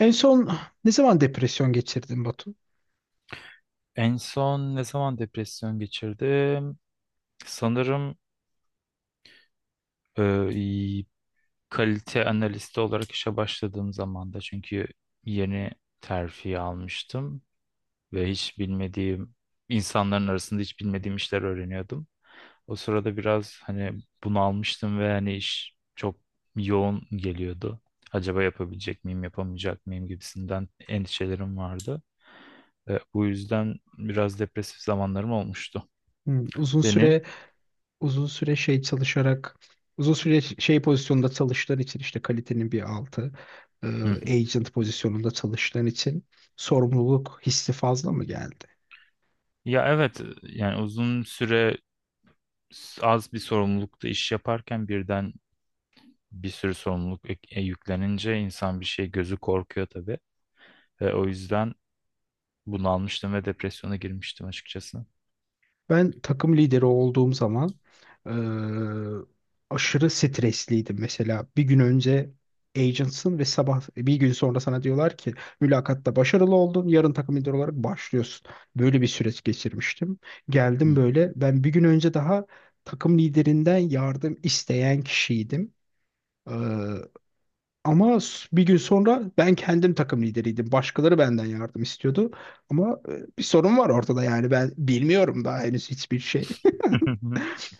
En son ne zaman depresyon geçirdin, Batu? En son ne zaman depresyon geçirdim? Sanırım e, iyi- kalite analisti olarak işe başladığım zamanda, çünkü yeni terfi almıştım ve hiç bilmediğim insanların arasında hiç bilmediğim işler öğreniyordum. O sırada biraz hani bunu almıştım ve hani iş çok yoğun geliyordu. Acaba yapabilecek miyim, yapamayacak mıyım gibisinden endişelerim vardı. Bu yüzden biraz depresif zamanlarım olmuştu. Hmm, uzun süre Senin? uzun süre şey çalışarak uzun süre şey pozisyonda çalıştığın için, işte kalitenin bir altı, e, agent pozisyonunda çalıştığın için sorumluluk hissi fazla mı geldi? Ya evet, yani uzun süre az bir sorumlulukta iş yaparken birden bir sürü sorumluluk yüklenince insan bir şey gözü korkuyor tabii. Ve o yüzden bunu almıştım ve depresyona girmiştim açıkçası. Ben takım lideri olduğum zaman eee, aşırı stresliydim. Mesela bir gün önce agentsın ve sabah bir gün sonra sana diyorlar ki mülakatta başarılı oldun, yarın takım lideri olarak başlıyorsun. Böyle bir süreç geçirmiştim. Geldim Hı. böyle, ben bir gün önce daha takım liderinden yardım isteyen kişiydim. Eee, ama bir gün sonra ben kendim takım lideriydim. Başkaları benden yardım istiyordu. Ama bir sorun var ortada, yani ben bilmiyorum daha henüz hiçbir şey.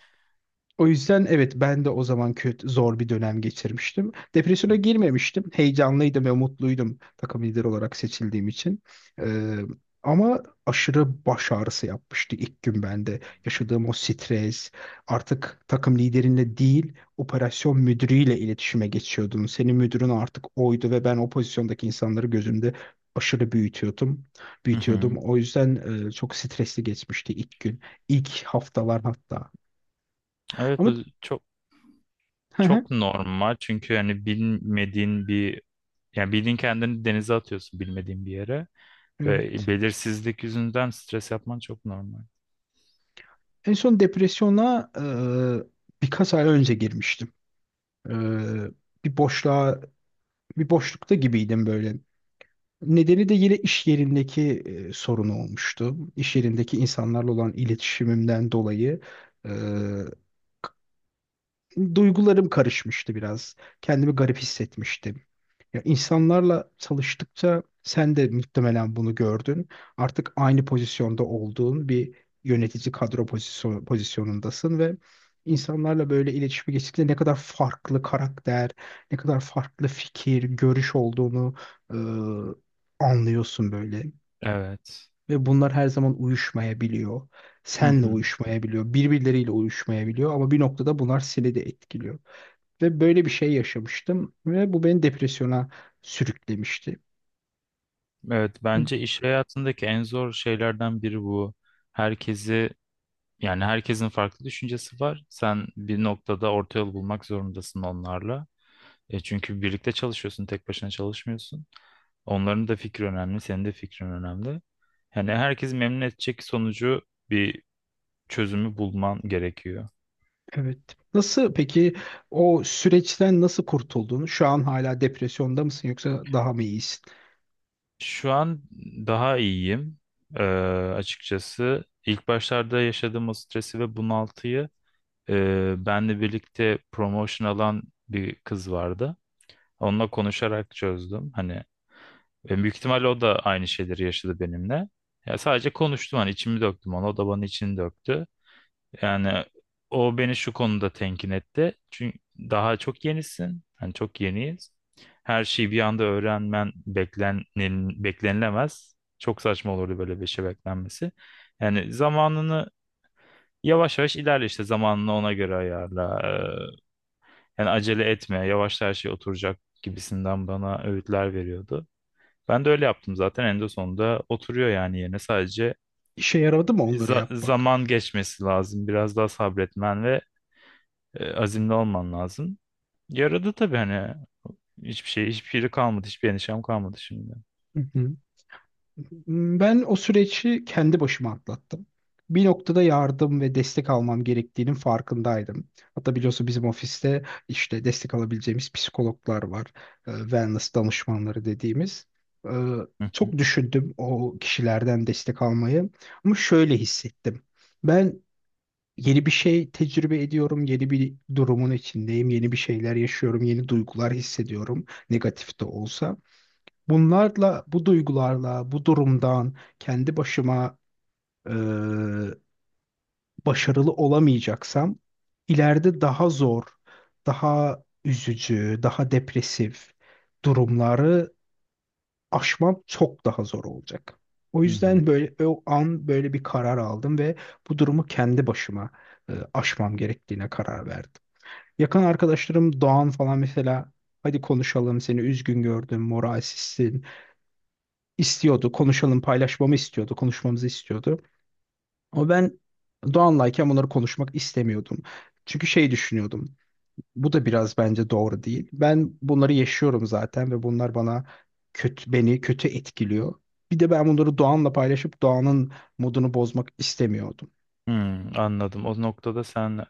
O yüzden evet, ben de o zaman kötü zor bir dönem geçirmiştim. Depresyona girmemiştim. Heyecanlıydım ve mutluydum takım lideri olarak seçildiğim için. Ee, ama aşırı baş ağrısı yapmıştı ilk gün bende. Yaşadığım o stres, artık takım liderinle değil operasyon müdürüyle iletişime geçiyordun. Senin müdürün artık oydu ve ben o pozisyondaki insanları gözümde aşırı büyütüyordum. Hı Büyütüyordum. hı. O yüzden çok stresli geçmişti ilk gün, ilk haftalar hatta. Evet, Ama bu çok çok normal. Çünkü yani bilmediğin bir, yani bildiğin kendini denize atıyorsun bilmediğin bir yere ve Evet. belirsizlik yüzünden stres yapman çok normal. En son depresyona birkaç ay önce girmiştim. E, bir boşluğa, bir boşlukta gibiydim böyle. Nedeni de yine iş yerindeki sorun olmuştu. İş yerindeki insanlarla olan iletişimimden dolayı e, duygularım karışmıştı biraz. Kendimi garip hissetmiştim. Ya, insanlarla çalıştıkça sen de muhtemelen bunu gördün. Artık aynı pozisyonda olduğun bir yönetici kadro pozisyonundasın ve insanlarla böyle iletişime geçtikçe ne kadar farklı karakter, ne kadar farklı fikir, görüş olduğunu anlıyorsun böyle. Evet. Ve bunlar her zaman uyuşmayabiliyor. Hı Senle hı. uyuşmayabiliyor, birbirleriyle uyuşmayabiliyor ama bir noktada bunlar seni de etkiliyor. Ve böyle bir şey yaşamıştım ve bu beni depresyona sürüklemişti. Evet, bence iş hayatındaki en zor şeylerden biri bu. Herkesi Yani herkesin farklı düşüncesi var. Sen bir noktada orta yol bulmak zorundasın onlarla. E çünkü birlikte çalışıyorsun, tek başına çalışmıyorsun. Onların da fikri önemli, senin de fikrin önemli. Yani herkes memnun edecek sonucu, bir çözümü bulman gerekiyor. Evet. Nasıl peki, o süreçten nasıl kurtuldun? Şu an hala depresyonda mısın yoksa daha mı iyisin? Şu an daha iyiyim. Ee, Açıkçası ilk başlarda yaşadığım o stresi ve bunaltıyı, benle birlikte promotion alan bir kız vardı. Onunla konuşarak çözdüm. Hani, ve büyük ihtimalle o da aynı şeyleri yaşadı benimle. Ya sadece konuştum, hani içimi döktüm ona, o da bana içini döktü. Yani o beni şu konuda tenkin etti. Çünkü daha çok yenisin, hani çok yeniyiz. Her şeyi bir anda öğrenmen beklenilemez. Çok saçma olurdu böyle bir şey beklenmesi. Yani zamanını, yavaş yavaş ilerle işte, zamanını ona göre ayarla. Yani acele etme, yavaş her şey oturacak gibisinden bana öğütler veriyordu. Ben de öyle yaptım zaten, en de sonunda oturuyor yani yerine. Sadece İşe yaradı mı onları zaman yapmak? geçmesi lazım, biraz daha sabretmen ve azimli olman lazım. Yaradı tabii, hani hiçbir şey, hiçbir şey kalmadı, hiçbir endişem kalmadı şimdi. Hı hı. Ben o süreci kendi başıma atlattım. Bir noktada yardım ve destek almam gerektiğinin farkındaydım. Hatta biliyorsun, bizim ofiste işte destek alabileceğimiz psikologlar var. Wellness danışmanları dediğimiz. Ee, Hı Çok hı, düşündüm o kişilerden destek almayı. Ama şöyle hissettim. Ben yeni bir şey tecrübe ediyorum. Yeni bir durumun içindeyim. Yeni bir şeyler yaşıyorum. Yeni duygular hissediyorum. Negatif de olsa. Bunlarla, bu duygularla, bu durumdan kendi başıma e, başarılı olamayacaksam ileride daha zor, daha üzücü, daha depresif durumları aşmam çok daha zor olacak. O hı hı. yüzden böyle o an böyle bir karar aldım ve bu durumu kendi başıma aşmam gerektiğine karar verdim. Yakın arkadaşlarım Doğan falan mesela, hadi konuşalım, seni üzgün gördüm, moralsizsin, istiyordu. Konuşalım, paylaşmamı istiyordu. Konuşmamızı istiyordu. Ama ben Doğan'layken bunları konuşmak istemiyordum. Çünkü şey düşünüyordum. Bu da biraz bence doğru değil. Ben bunları yaşıyorum zaten ve bunlar bana kötü beni kötü etkiliyor. Bir de ben bunları Doğan'la paylaşıp Doğan'ın modunu bozmak istemiyordum. Hmm, anladım, o noktada sen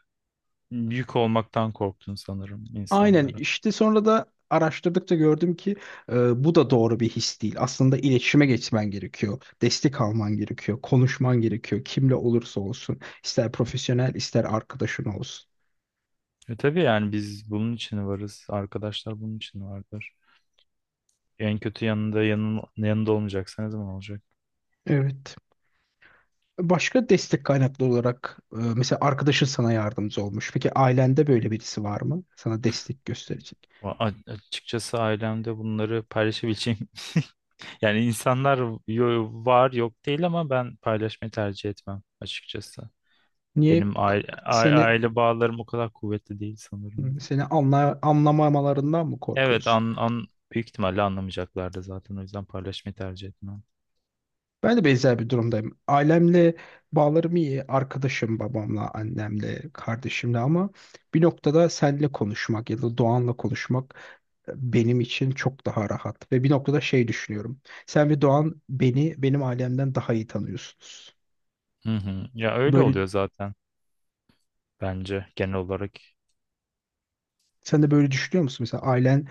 yük olmaktan korktun sanırım Aynen insanlara. işte, sonra da araştırdıkça gördüm ki bu da doğru bir his değil. Aslında iletişime geçmen gerekiyor. Destek alman gerekiyor. Konuşman gerekiyor. Kimle olursa olsun, ister profesyonel ister arkadaşın olsun. E tabii, yani biz bunun için varız, arkadaşlar bunun için vardır. En kötü yanında, yanında olmayacaksa ne zaman olacak? Evet. Başka destek kaynaklı olarak mesela arkadaşın sana yardımcı olmuş. Peki ailende böyle birisi var mı? Sana destek gösterecek. Açıkçası ailemde bunları paylaşabileceğim. Yani insanlar, var, yok değil, ama ben paylaşmayı tercih etmem açıkçası. Niye Benim k- aile, seni aile bağlarım o kadar kuvvetli değil sanırım. seni anla, anlamamalarından mı Evet, korkuyorsun? an, an büyük ihtimalle anlamayacaklardı zaten, o yüzden paylaşmayı tercih etmem. Ben de benzer bir durumdayım. Ailemle bağlarım iyi. Arkadaşım babamla, annemle, kardeşimle, ama bir noktada seninle konuşmak ya da Doğan'la konuşmak benim için çok daha rahat. Ve bir noktada şey düşünüyorum. Sen ve Doğan beni, benim ailemden daha iyi tanıyorsunuz. Hı hı. Ya öyle Böyle, oluyor zaten, bence genel olarak. sen de böyle düşünüyor musun? Mesela ailen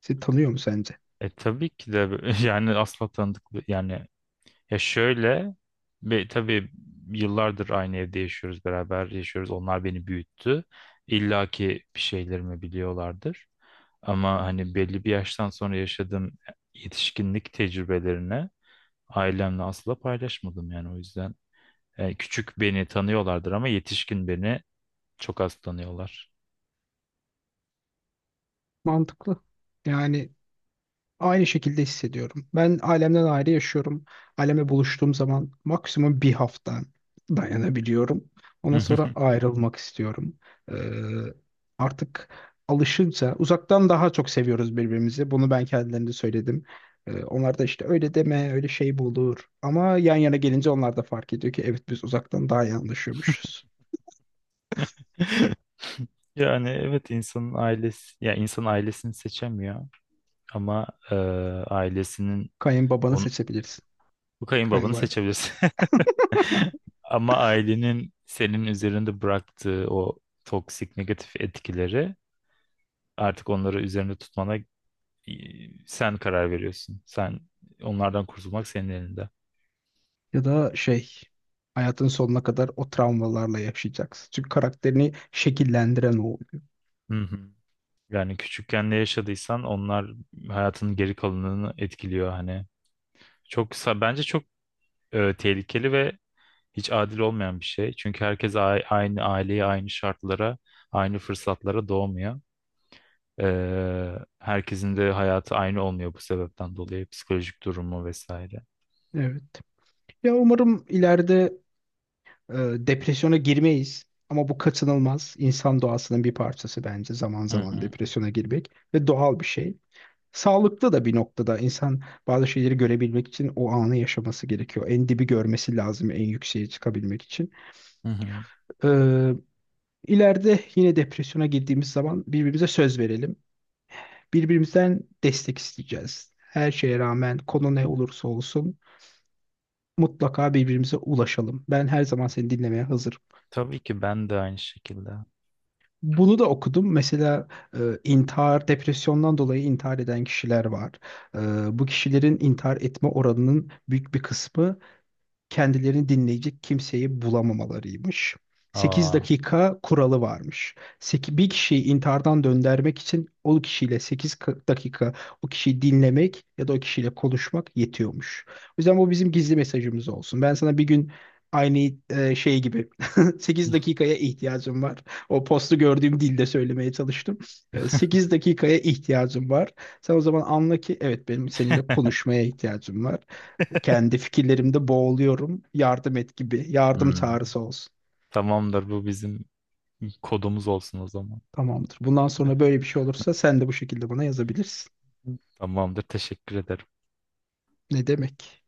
seni tanıyor mu sence? E tabii ki de, yani asla tanıdık, yani ya şöyle, ve tabii yıllardır aynı evde yaşıyoruz, beraber yaşıyoruz. Onlar beni büyüttü. İlla ki bir şeylerimi biliyorlardır. Ama hani belli bir yaştan sonra yaşadığım yetişkinlik tecrübelerini ailemle asla paylaşmadım yani, o yüzden. Yani küçük beni tanıyorlardır ama yetişkin beni çok az tanıyorlar. Mantıklı. Yani aynı şekilde hissediyorum. Ben ailemden ayrı yaşıyorum. Ailemle buluştuğum zaman maksimum bir hafta dayanabiliyorum. Ondan sonra ayrılmak istiyorum. Ee, artık alışınca uzaktan daha çok seviyoruz birbirimizi. Bunu ben kendilerine söyledim. Onlar da işte öyle deme, öyle şey bu olur. Ama yan yana gelince onlar da fark ediyor ki evet, biz uzaktan daha iyi anlaşıyormuşuz. Yani evet, insanın ailesi, ya insan ailesini seçemiyor ama ailesinin Kayınbabanı on, seçebilirsin. bu kayınbabanı Kayınvalide. seçebilirsin. Ama ailenin senin üzerinde bıraktığı o toksik, negatif etkileri, artık onları üzerinde tutmana, e, sen karar veriyorsun. Sen onlardan kurtulmak senin elinde. Ya da şey, hayatın sonuna kadar o travmalarla yaşayacaksın. Çünkü karakterini şekillendiren o oluyor. Hı hı. Yani küçükken ne yaşadıysan onlar hayatının geri kalanını etkiliyor hani. Çok bence çok tehlikeli ve hiç adil olmayan bir şey. Çünkü herkes aynı aileye, aynı şartlara, aynı fırsatlara doğmuyor. Herkesin de hayatı aynı olmuyor bu sebepten dolayı, psikolojik durumu vesaire. Evet. Ya, umarım ileride e, depresyona girmeyiz. Ama bu kaçınılmaz. İnsan doğasının bir parçası bence zaman Hı zaman hı, depresyona girmek ve doğal bir şey. Sağlıklı da bir noktada insan bazı şeyleri görebilmek için o anı yaşaması gerekiyor. En dibi görmesi lazım en yükseğe çıkabilmek için. hı hı. Ee, ileride yine depresyona girdiğimiz zaman birbirimize söz verelim. Birbirimizden destek isteyeceğiz. Her şeye rağmen, konu ne olursa olsun, mutlaka birbirimize ulaşalım. Ben her zaman seni dinlemeye hazırım. Tabii ki ben de aynı şekilde. Bunu da okudum. Mesela intihar, depresyondan dolayı intihar eden kişiler var. E, bu kişilerin intihar etme oranının büyük bir kısmı kendilerini dinleyecek kimseyi bulamamalarıymış. Sekiz Aa. dakika kuralı varmış. Bir kişiyi intihardan döndürmek için o kişiyle 8 dakika o kişiyi dinlemek ya da o kişiyle konuşmak yetiyormuş. O yüzden bu bizim gizli mesajımız olsun. Ben sana bir gün aynı şey gibi 8 dakikaya ihtiyacım var. O postu gördüğüm dilde söylemeye çalıştım. 8 dakikaya ihtiyacım var. Sen o zaman anla ki evet, benim seninle konuşmaya ihtiyacım var. Kendi fikirlerimde boğuluyorum. Yardım et gibi. Yardım Hmm. çağrısı olsun. Tamamdır, bu bizim kodumuz olsun o zaman. Tamamdır. Bundan sonra böyle bir şey olursa sen de bu şekilde bana yazabilirsin. Tamamdır, teşekkür ederim. Ne demek?